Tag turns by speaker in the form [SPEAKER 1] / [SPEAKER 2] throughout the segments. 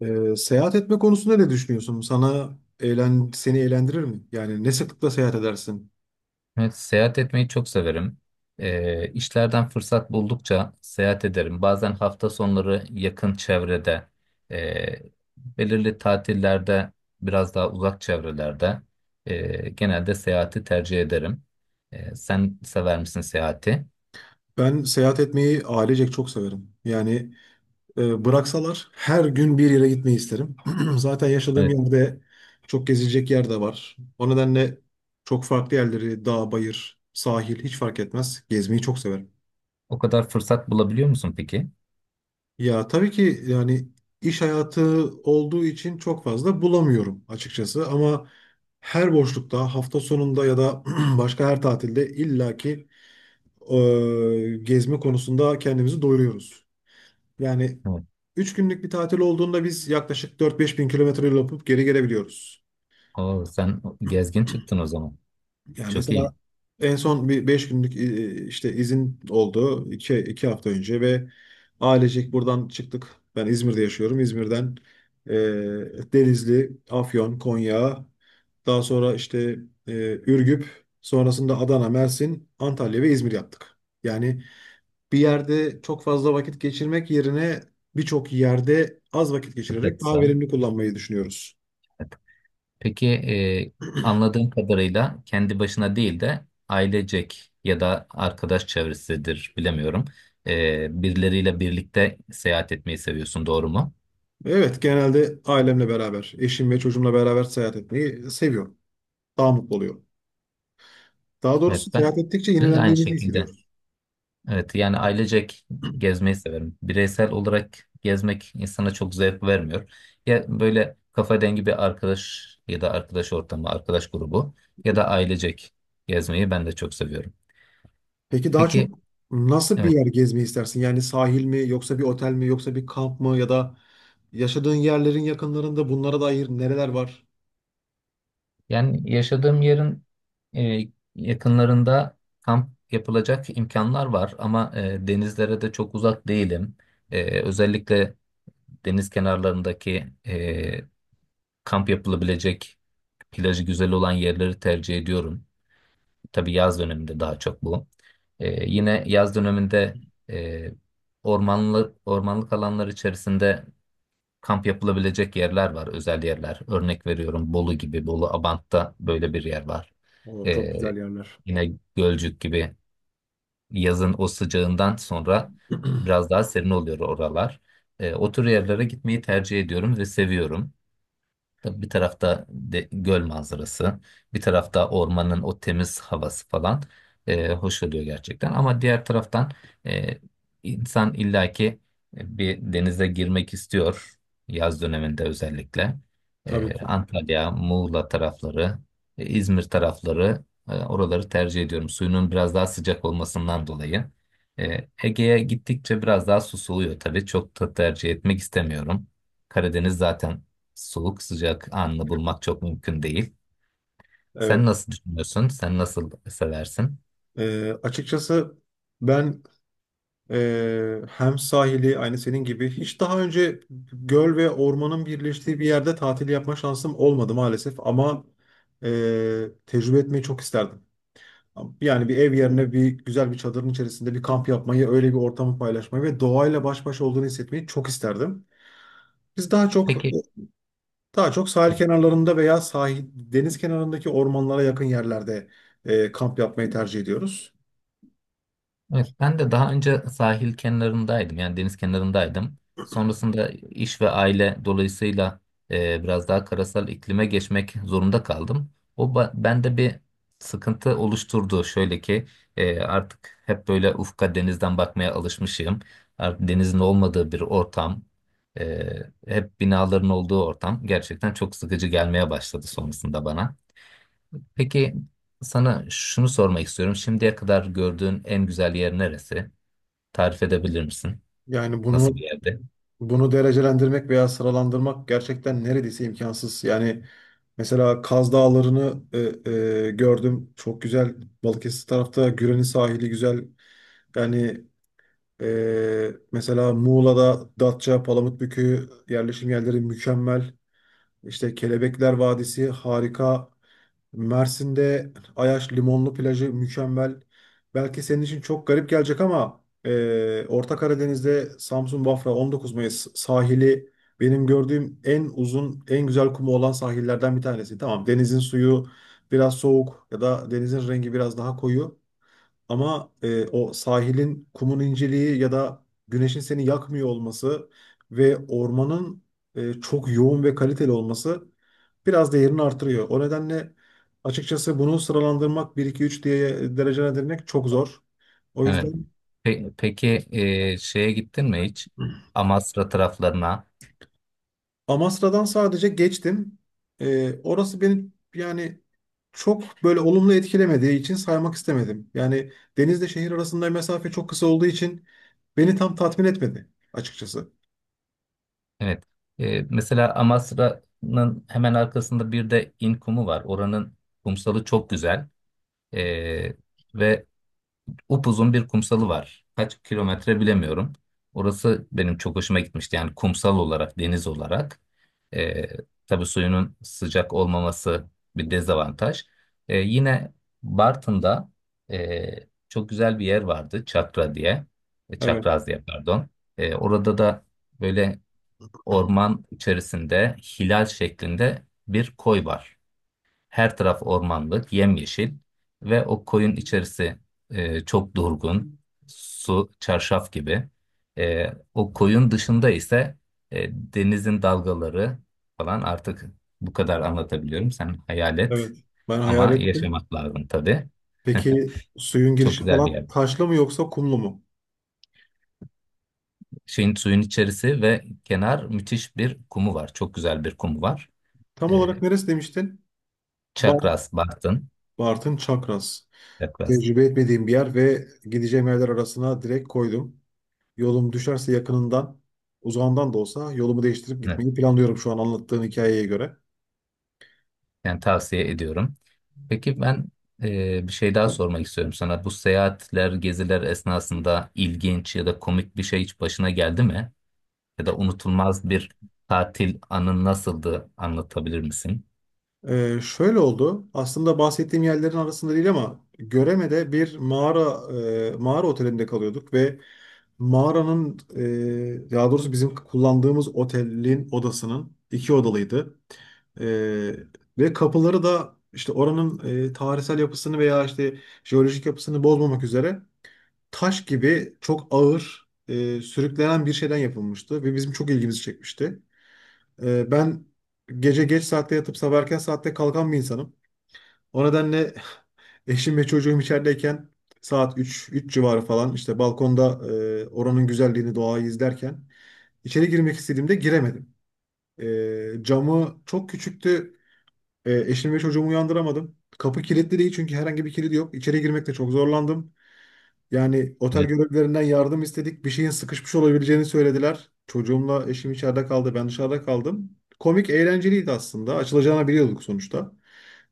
[SPEAKER 1] Seyahat etme konusunda ne düşünüyorsun? Seni eğlendirir mi? Yani ne sıklıkla seyahat edersin?
[SPEAKER 2] Evet, seyahat etmeyi çok severim. İşlerden fırsat buldukça seyahat ederim. Bazen hafta sonları yakın çevrede, e, belirli tatillerde biraz daha uzak çevrelerde genelde seyahati tercih ederim. Sen sever misin seyahati?
[SPEAKER 1] Ben seyahat etmeyi ailecek çok severim. Yani bıraksalar her gün bir yere gitmeyi isterim. Zaten yaşadığım
[SPEAKER 2] Evet.
[SPEAKER 1] yerde çok gezilecek yer de var. O nedenle çok farklı yerleri, dağ, bayır, sahil hiç fark etmez. Gezmeyi çok severim.
[SPEAKER 2] O kadar fırsat bulabiliyor musun peki?
[SPEAKER 1] Ya tabii ki, yani iş hayatı olduğu için çok fazla bulamıyorum açıkçası, ama her boşlukta, hafta sonunda ya da başka her tatilde illaki gezme konusunda kendimizi doyuruyoruz. Yani
[SPEAKER 2] Evet.
[SPEAKER 1] 3 günlük bir tatil olduğunda biz yaklaşık 4-5 bin kilometre yol yapıp geri gelebiliyoruz.
[SPEAKER 2] Oo, sen gezgin çıktın o zaman.
[SPEAKER 1] Yani
[SPEAKER 2] Çok
[SPEAKER 1] mesela
[SPEAKER 2] iyi.
[SPEAKER 1] en son bir 5 günlük işte izin oldu, iki hafta önce ve ailecek buradan çıktık. Ben İzmir'de yaşıyorum. İzmir'den e, Denizli, Afyon, Konya, daha sonra işte Ürgüp, sonrasında Adana, Mersin, Antalya ve İzmir yaptık. Yani bir yerde çok fazla vakit geçirmek yerine birçok yerde az vakit
[SPEAKER 2] Çok da
[SPEAKER 1] geçirerek daha
[SPEAKER 2] kısa.
[SPEAKER 1] verimli kullanmayı düşünüyoruz.
[SPEAKER 2] Peki, anladığım kadarıyla kendi başına değil de ailecek ya da arkadaş çevresidir bilemiyorum. Birileriyle birlikte seyahat etmeyi seviyorsun, doğru mu?
[SPEAKER 1] Evet, genelde ailemle beraber, eşim ve çocuğumla beraber seyahat etmeyi seviyorum. Daha mutlu oluyorum. Daha
[SPEAKER 2] Evet,
[SPEAKER 1] doğrusu seyahat
[SPEAKER 2] ben,
[SPEAKER 1] ettikçe
[SPEAKER 2] ben de aynı
[SPEAKER 1] yenilendiğimizi
[SPEAKER 2] şekilde.
[SPEAKER 1] hissediyoruz.
[SPEAKER 2] Evet, yani ailecek gezmeyi severim. Bireysel olarak gezmek insana çok zevk vermiyor. Ya böyle kafa dengi bir arkadaş ya da arkadaş ortamı, arkadaş grubu ya da ailecek gezmeyi ben de çok seviyorum.
[SPEAKER 1] Peki daha
[SPEAKER 2] Peki.
[SPEAKER 1] çok nasıl bir
[SPEAKER 2] Evet.
[SPEAKER 1] yer gezmeyi istersin? Yani sahil mi, yoksa bir otel mi, yoksa bir kamp mı, ya da yaşadığın yerlerin yakınlarında bunlara dair nereler var?
[SPEAKER 2] Yani yaşadığım yerin e, yakınlarında kamp yapılacak imkanlar var, ama denizlere de çok uzak değilim. Özellikle deniz kenarlarındaki kamp yapılabilecek plajı güzel olan yerleri tercih ediyorum. Tabii yaz döneminde daha çok bu. Yine yaz döneminde e, ormanlı, ormanlık alanlar içerisinde kamp yapılabilecek yerler var, özel yerler. Örnek veriyorum, Bolu gibi, Bolu Abant'ta böyle bir yer var.
[SPEAKER 1] Oo, çok
[SPEAKER 2] Ee,
[SPEAKER 1] güzel yerler.
[SPEAKER 2] Yine Gölcük gibi yazın o sıcağından sonra biraz daha serin oluyor oralar. O tür yerlere gitmeyi tercih ediyorum ve seviyorum. Tabii bir tarafta göl manzarası, bir tarafta ormanın o temiz havası falan hoş oluyor gerçekten. Ama diğer taraftan e, insan illaki bir denize girmek istiyor yaz döneminde özellikle.
[SPEAKER 1] Tabii ki.
[SPEAKER 2] Antalya, Muğla tarafları, İzmir tarafları, oraları tercih ediyorum. Suyunun biraz daha sıcak olmasından dolayı. Ege'ye gittikçe biraz daha susuluyor tabii. Çok da tercih etmek istemiyorum. Karadeniz zaten, soğuk sıcak anını bulmak çok mümkün değil.
[SPEAKER 1] Evet.
[SPEAKER 2] Sen nasıl düşünüyorsun? Sen nasıl seversin?
[SPEAKER 1] Açıkçası ben hem sahili aynı senin gibi, hiç daha önce göl ve ormanın birleştiği bir yerde tatil yapma şansım olmadı maalesef, ama tecrübe etmeyi çok isterdim. Yani bir ev yerine bir güzel bir çadırın içerisinde bir kamp yapmayı, öyle bir ortamı paylaşmayı ve doğayla baş başa olduğunu hissetmeyi çok isterdim. Biz daha çok,
[SPEAKER 2] Peki.
[SPEAKER 1] daha çok sahil kenarlarında veya sahil, deniz kenarındaki ormanlara yakın yerlerde kamp yapmayı tercih ediyoruz.
[SPEAKER 2] Evet, ben de daha önce sahil kenarındaydım, yani deniz kenarındaydım. Sonrasında iş ve aile dolayısıyla biraz daha karasal iklime geçmek zorunda kaldım. Bende bir sıkıntı oluşturdu. Şöyle ki, artık hep böyle ufka denizden bakmaya alışmışım. Artık denizin olmadığı bir ortam, e, hep binaların olduğu ortam gerçekten çok sıkıcı gelmeye başladı sonrasında bana. Peki, sana şunu sormak istiyorum. Şimdiye kadar gördüğün en güzel yer neresi? Tarif edebilir misin?
[SPEAKER 1] Yani
[SPEAKER 2] Nasıl bir
[SPEAKER 1] bunu
[SPEAKER 2] yerde?
[SPEAKER 1] Bunu derecelendirmek veya sıralandırmak gerçekten neredeyse imkansız. Yani mesela Kaz Dağları'nı e, gördüm. Çok güzel. Balıkesir tarafta Güren'in sahili güzel. Yani mesela Muğla'da Datça, Palamutbükü yerleşim yerleri mükemmel. İşte Kelebekler Vadisi harika. Mersin'de Ayaş Limonlu plajı mükemmel. Belki senin için çok garip gelecek, ama Orta Karadeniz'de Samsun Bafra 19 Mayıs sahili benim gördüğüm en uzun, en güzel kumu olan sahillerden bir tanesi. Tamam, denizin suyu biraz soğuk ya da denizin rengi biraz daha koyu. Ama o sahilin kumun inceliği ya da güneşin seni yakmıyor olması ve ormanın çok yoğun ve kaliteli olması biraz değerini artırıyor. O nedenle açıkçası bunu sıralandırmak, bir iki üç diye derecelendirmek çok zor. O
[SPEAKER 2] Evet.
[SPEAKER 1] yüzden
[SPEAKER 2] Peki, şeye gittin mi hiç? Amasra taraflarına.
[SPEAKER 1] Amasra'dan sadece geçtim. Orası beni, yani çok böyle olumlu etkilemediği için saymak istemedim. Yani denizle şehir arasında mesafe çok kısa olduğu için beni tam tatmin etmedi açıkçası.
[SPEAKER 2] Evet. Mesela Amasra'nın hemen arkasında bir de İnkumu var. Oranın kumsalı çok güzel. E, Ve upuzun bir kumsalı var. Kaç kilometre bilemiyorum. Orası benim çok hoşuma gitmişti. Yani kumsal olarak, deniz olarak. Ee, tabii suyunun sıcak olmaması bir dezavantaj. Yine Bartın'da ee, çok güzel bir yer vardı. Çakra diye.
[SPEAKER 1] Evet.
[SPEAKER 2] Çakraz diye, pardon. Orada da böyle orman içerisinde hilal şeklinde bir koy var. Her taraf ormanlık, yemyeşil ve o koyun içerisi çok durgun, su, çarşaf gibi. E, O koyun dışında ise denizin dalgaları falan artık bu kadar anlatabiliyorum. Sen hayal et,
[SPEAKER 1] Evet. Ben hayal
[SPEAKER 2] ama
[SPEAKER 1] ettim.
[SPEAKER 2] yaşamak lazım tabii.
[SPEAKER 1] Peki suyun
[SPEAKER 2] Çok
[SPEAKER 1] girişi
[SPEAKER 2] güzel bir
[SPEAKER 1] falan
[SPEAKER 2] yer.
[SPEAKER 1] taşlı mı yoksa kumlu mu?
[SPEAKER 2] Şeyin suyun içerisi ve kenar müthiş bir kumu var. Çok güzel bir kumu var.
[SPEAKER 1] Tam
[SPEAKER 2] E,
[SPEAKER 1] olarak neresi demiştin? Bart,
[SPEAKER 2] Çakras, Bartın.
[SPEAKER 1] Bartın Çakras.
[SPEAKER 2] Çakras.
[SPEAKER 1] Tecrübe etmediğim bir yer ve gideceğim yerler arasına direkt koydum. Yolum düşerse yakınından, uzağından da olsa yolumu değiştirip
[SPEAKER 2] Evet.
[SPEAKER 1] gitmeyi planlıyorum şu an anlattığın hikayeye göre.
[SPEAKER 2] Yani tavsiye ediyorum. Peki ben, bir şey daha sormak istiyorum sana. Bu seyahatler, geziler esnasında ilginç ya da komik bir şey hiç başına geldi mi? Ya da unutulmaz bir tatil anın nasıldı, anlatabilir misin?
[SPEAKER 1] Şöyle oldu. Aslında bahsettiğim yerlerin arasında değil, ama Göreme'de bir mağara, mağara otelinde kalıyorduk ve mağaranın, daha doğrusu bizim kullandığımız otelin odasının iki odalıydı. E, ve kapıları da işte oranın tarihsel yapısını veya işte jeolojik yapısını bozmamak üzere taş gibi çok ağır, sürüklenen bir şeyden yapılmıştı ve bizim çok ilgimizi çekmişti. Ben gece geç saatte yatıp sabah erken saatte kalkan bir insanım. O nedenle eşim ve çocuğum içerideyken saat 3, 3 civarı falan işte balkonda oranın güzelliğini, doğayı izlerken içeri girmek istediğimde giremedim. Camı çok küçüktü. Eşim ve çocuğumu uyandıramadım. Kapı kilitli değil, çünkü herhangi bir kilidi yok. İçeri girmekte çok zorlandım. Yani otel
[SPEAKER 2] Evet,
[SPEAKER 1] görevlilerinden yardım istedik. Bir şeyin sıkışmış olabileceğini söylediler. Çocuğumla eşim içeride kaldı. Ben dışarıda kaldım. Komik, eğlenceliydi aslında. Açılacağını biliyorduk sonuçta.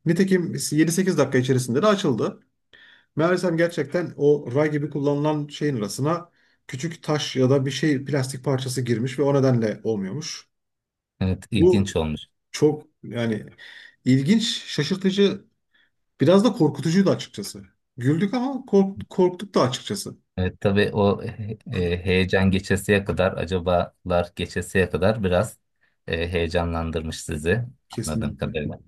[SPEAKER 1] Nitekim 7-8 dakika içerisinde de açıldı. Meğersem gerçekten o ray gibi kullanılan şeyin arasına küçük taş ya da bir şey, plastik parçası girmiş ve o nedenle olmuyormuş.
[SPEAKER 2] evet,
[SPEAKER 1] Bu
[SPEAKER 2] ilginç olmuş.
[SPEAKER 1] çok, yani ilginç, şaşırtıcı, biraz da korkutucuydu açıkçası. Güldük ama korktuk da açıkçası.
[SPEAKER 2] Evet tabii, o heyecan geçesiye kadar, acabalar geçesiye kadar biraz heyecanlandırmış sizi anladığım
[SPEAKER 1] Kesinlikle.
[SPEAKER 2] kadarıyla.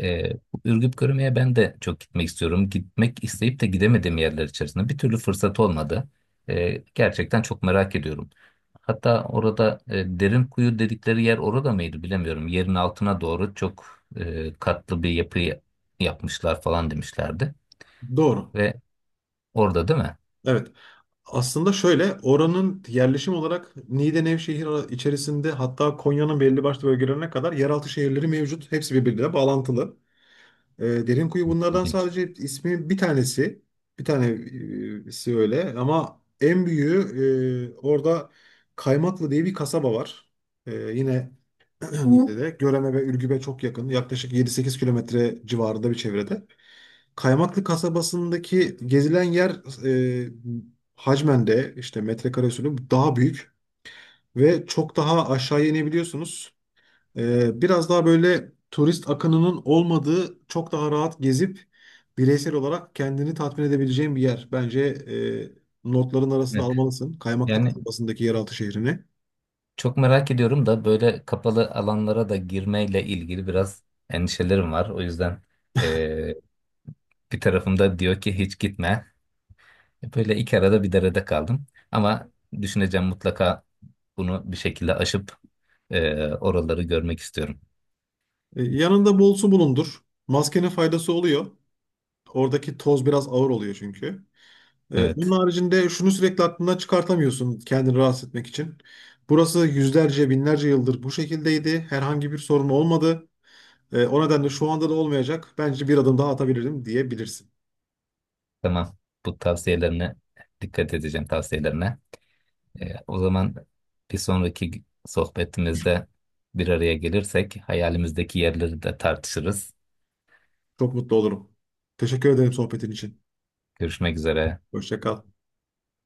[SPEAKER 2] Ee, Ürgüp Görüme'ye ben de çok gitmek istiyorum. Gitmek isteyip de gidemediğim yerler içerisinde bir türlü fırsat olmadı. Gerçekten çok merak ediyorum. Hatta orada derin kuyu dedikleri yer orada mıydı bilemiyorum. Yerin altına doğru çok katlı bir yapı yapmışlar falan demişlerdi.
[SPEAKER 1] Doğru.
[SPEAKER 2] Ve orada, değil mi?
[SPEAKER 1] Evet. Aslında şöyle, oranın yerleşim olarak Niğde Nevşehir içerisinde, hatta Konya'nın belli başlı bölgelerine kadar yeraltı şehirleri mevcut. Hepsi birbirine bağlantılı. Derinkuyu bunlardan
[SPEAKER 2] İlginç.
[SPEAKER 1] sadece ismi bir tanesi. Bir tanesi öyle, ama en büyüğü orada Kaymaklı diye bir kasaba var. Yine Hı. Niğde'de. Göreme ve Ürgüp'e çok yakın. Yaklaşık 7-8 kilometre civarında bir çevrede. Kaymaklı kasabasındaki gezilen yer e, hacmende işte metrekare usulü daha büyük ve çok daha aşağı inebiliyorsunuz. Biraz daha böyle turist akınının olmadığı, çok daha rahat gezip bireysel olarak kendini tatmin edebileceğin bir yer. Bence notların arasına
[SPEAKER 2] Evet.
[SPEAKER 1] almalısın Kaymaklı
[SPEAKER 2] Yani
[SPEAKER 1] kasabasındaki yeraltı şehrini.
[SPEAKER 2] çok merak ediyorum da böyle kapalı alanlara da girmeyle ilgili biraz endişelerim var. O yüzden e, bir tarafımda diyor ki hiç gitme. Böyle iki arada bir derede kaldım. Ama düşüneceğim, mutlaka bunu bir şekilde aşıp oraları görmek istiyorum.
[SPEAKER 1] Yanında bol su bulundur. Maskenin faydası oluyor. Oradaki toz biraz ağır oluyor çünkü. Onun
[SPEAKER 2] Evet,
[SPEAKER 1] haricinde şunu sürekli aklından çıkartamıyorsun kendini rahatsız etmek için. Burası yüzlerce, binlerce yıldır bu şekildeydi. Herhangi bir sorun olmadı. O nedenle şu anda da olmayacak. Bence bir adım daha atabilirim diyebilirsin.
[SPEAKER 2] tamam. Bu tavsiyelerine dikkat edeceğim, tavsiyelerine. O zaman bir sonraki sohbetimizde bir araya gelirsek hayalimizdeki yerleri de tartışırız.
[SPEAKER 1] Çok mutlu olurum. Teşekkür ederim sohbetin için.
[SPEAKER 2] Görüşmek üzere.
[SPEAKER 1] Hoşça kal.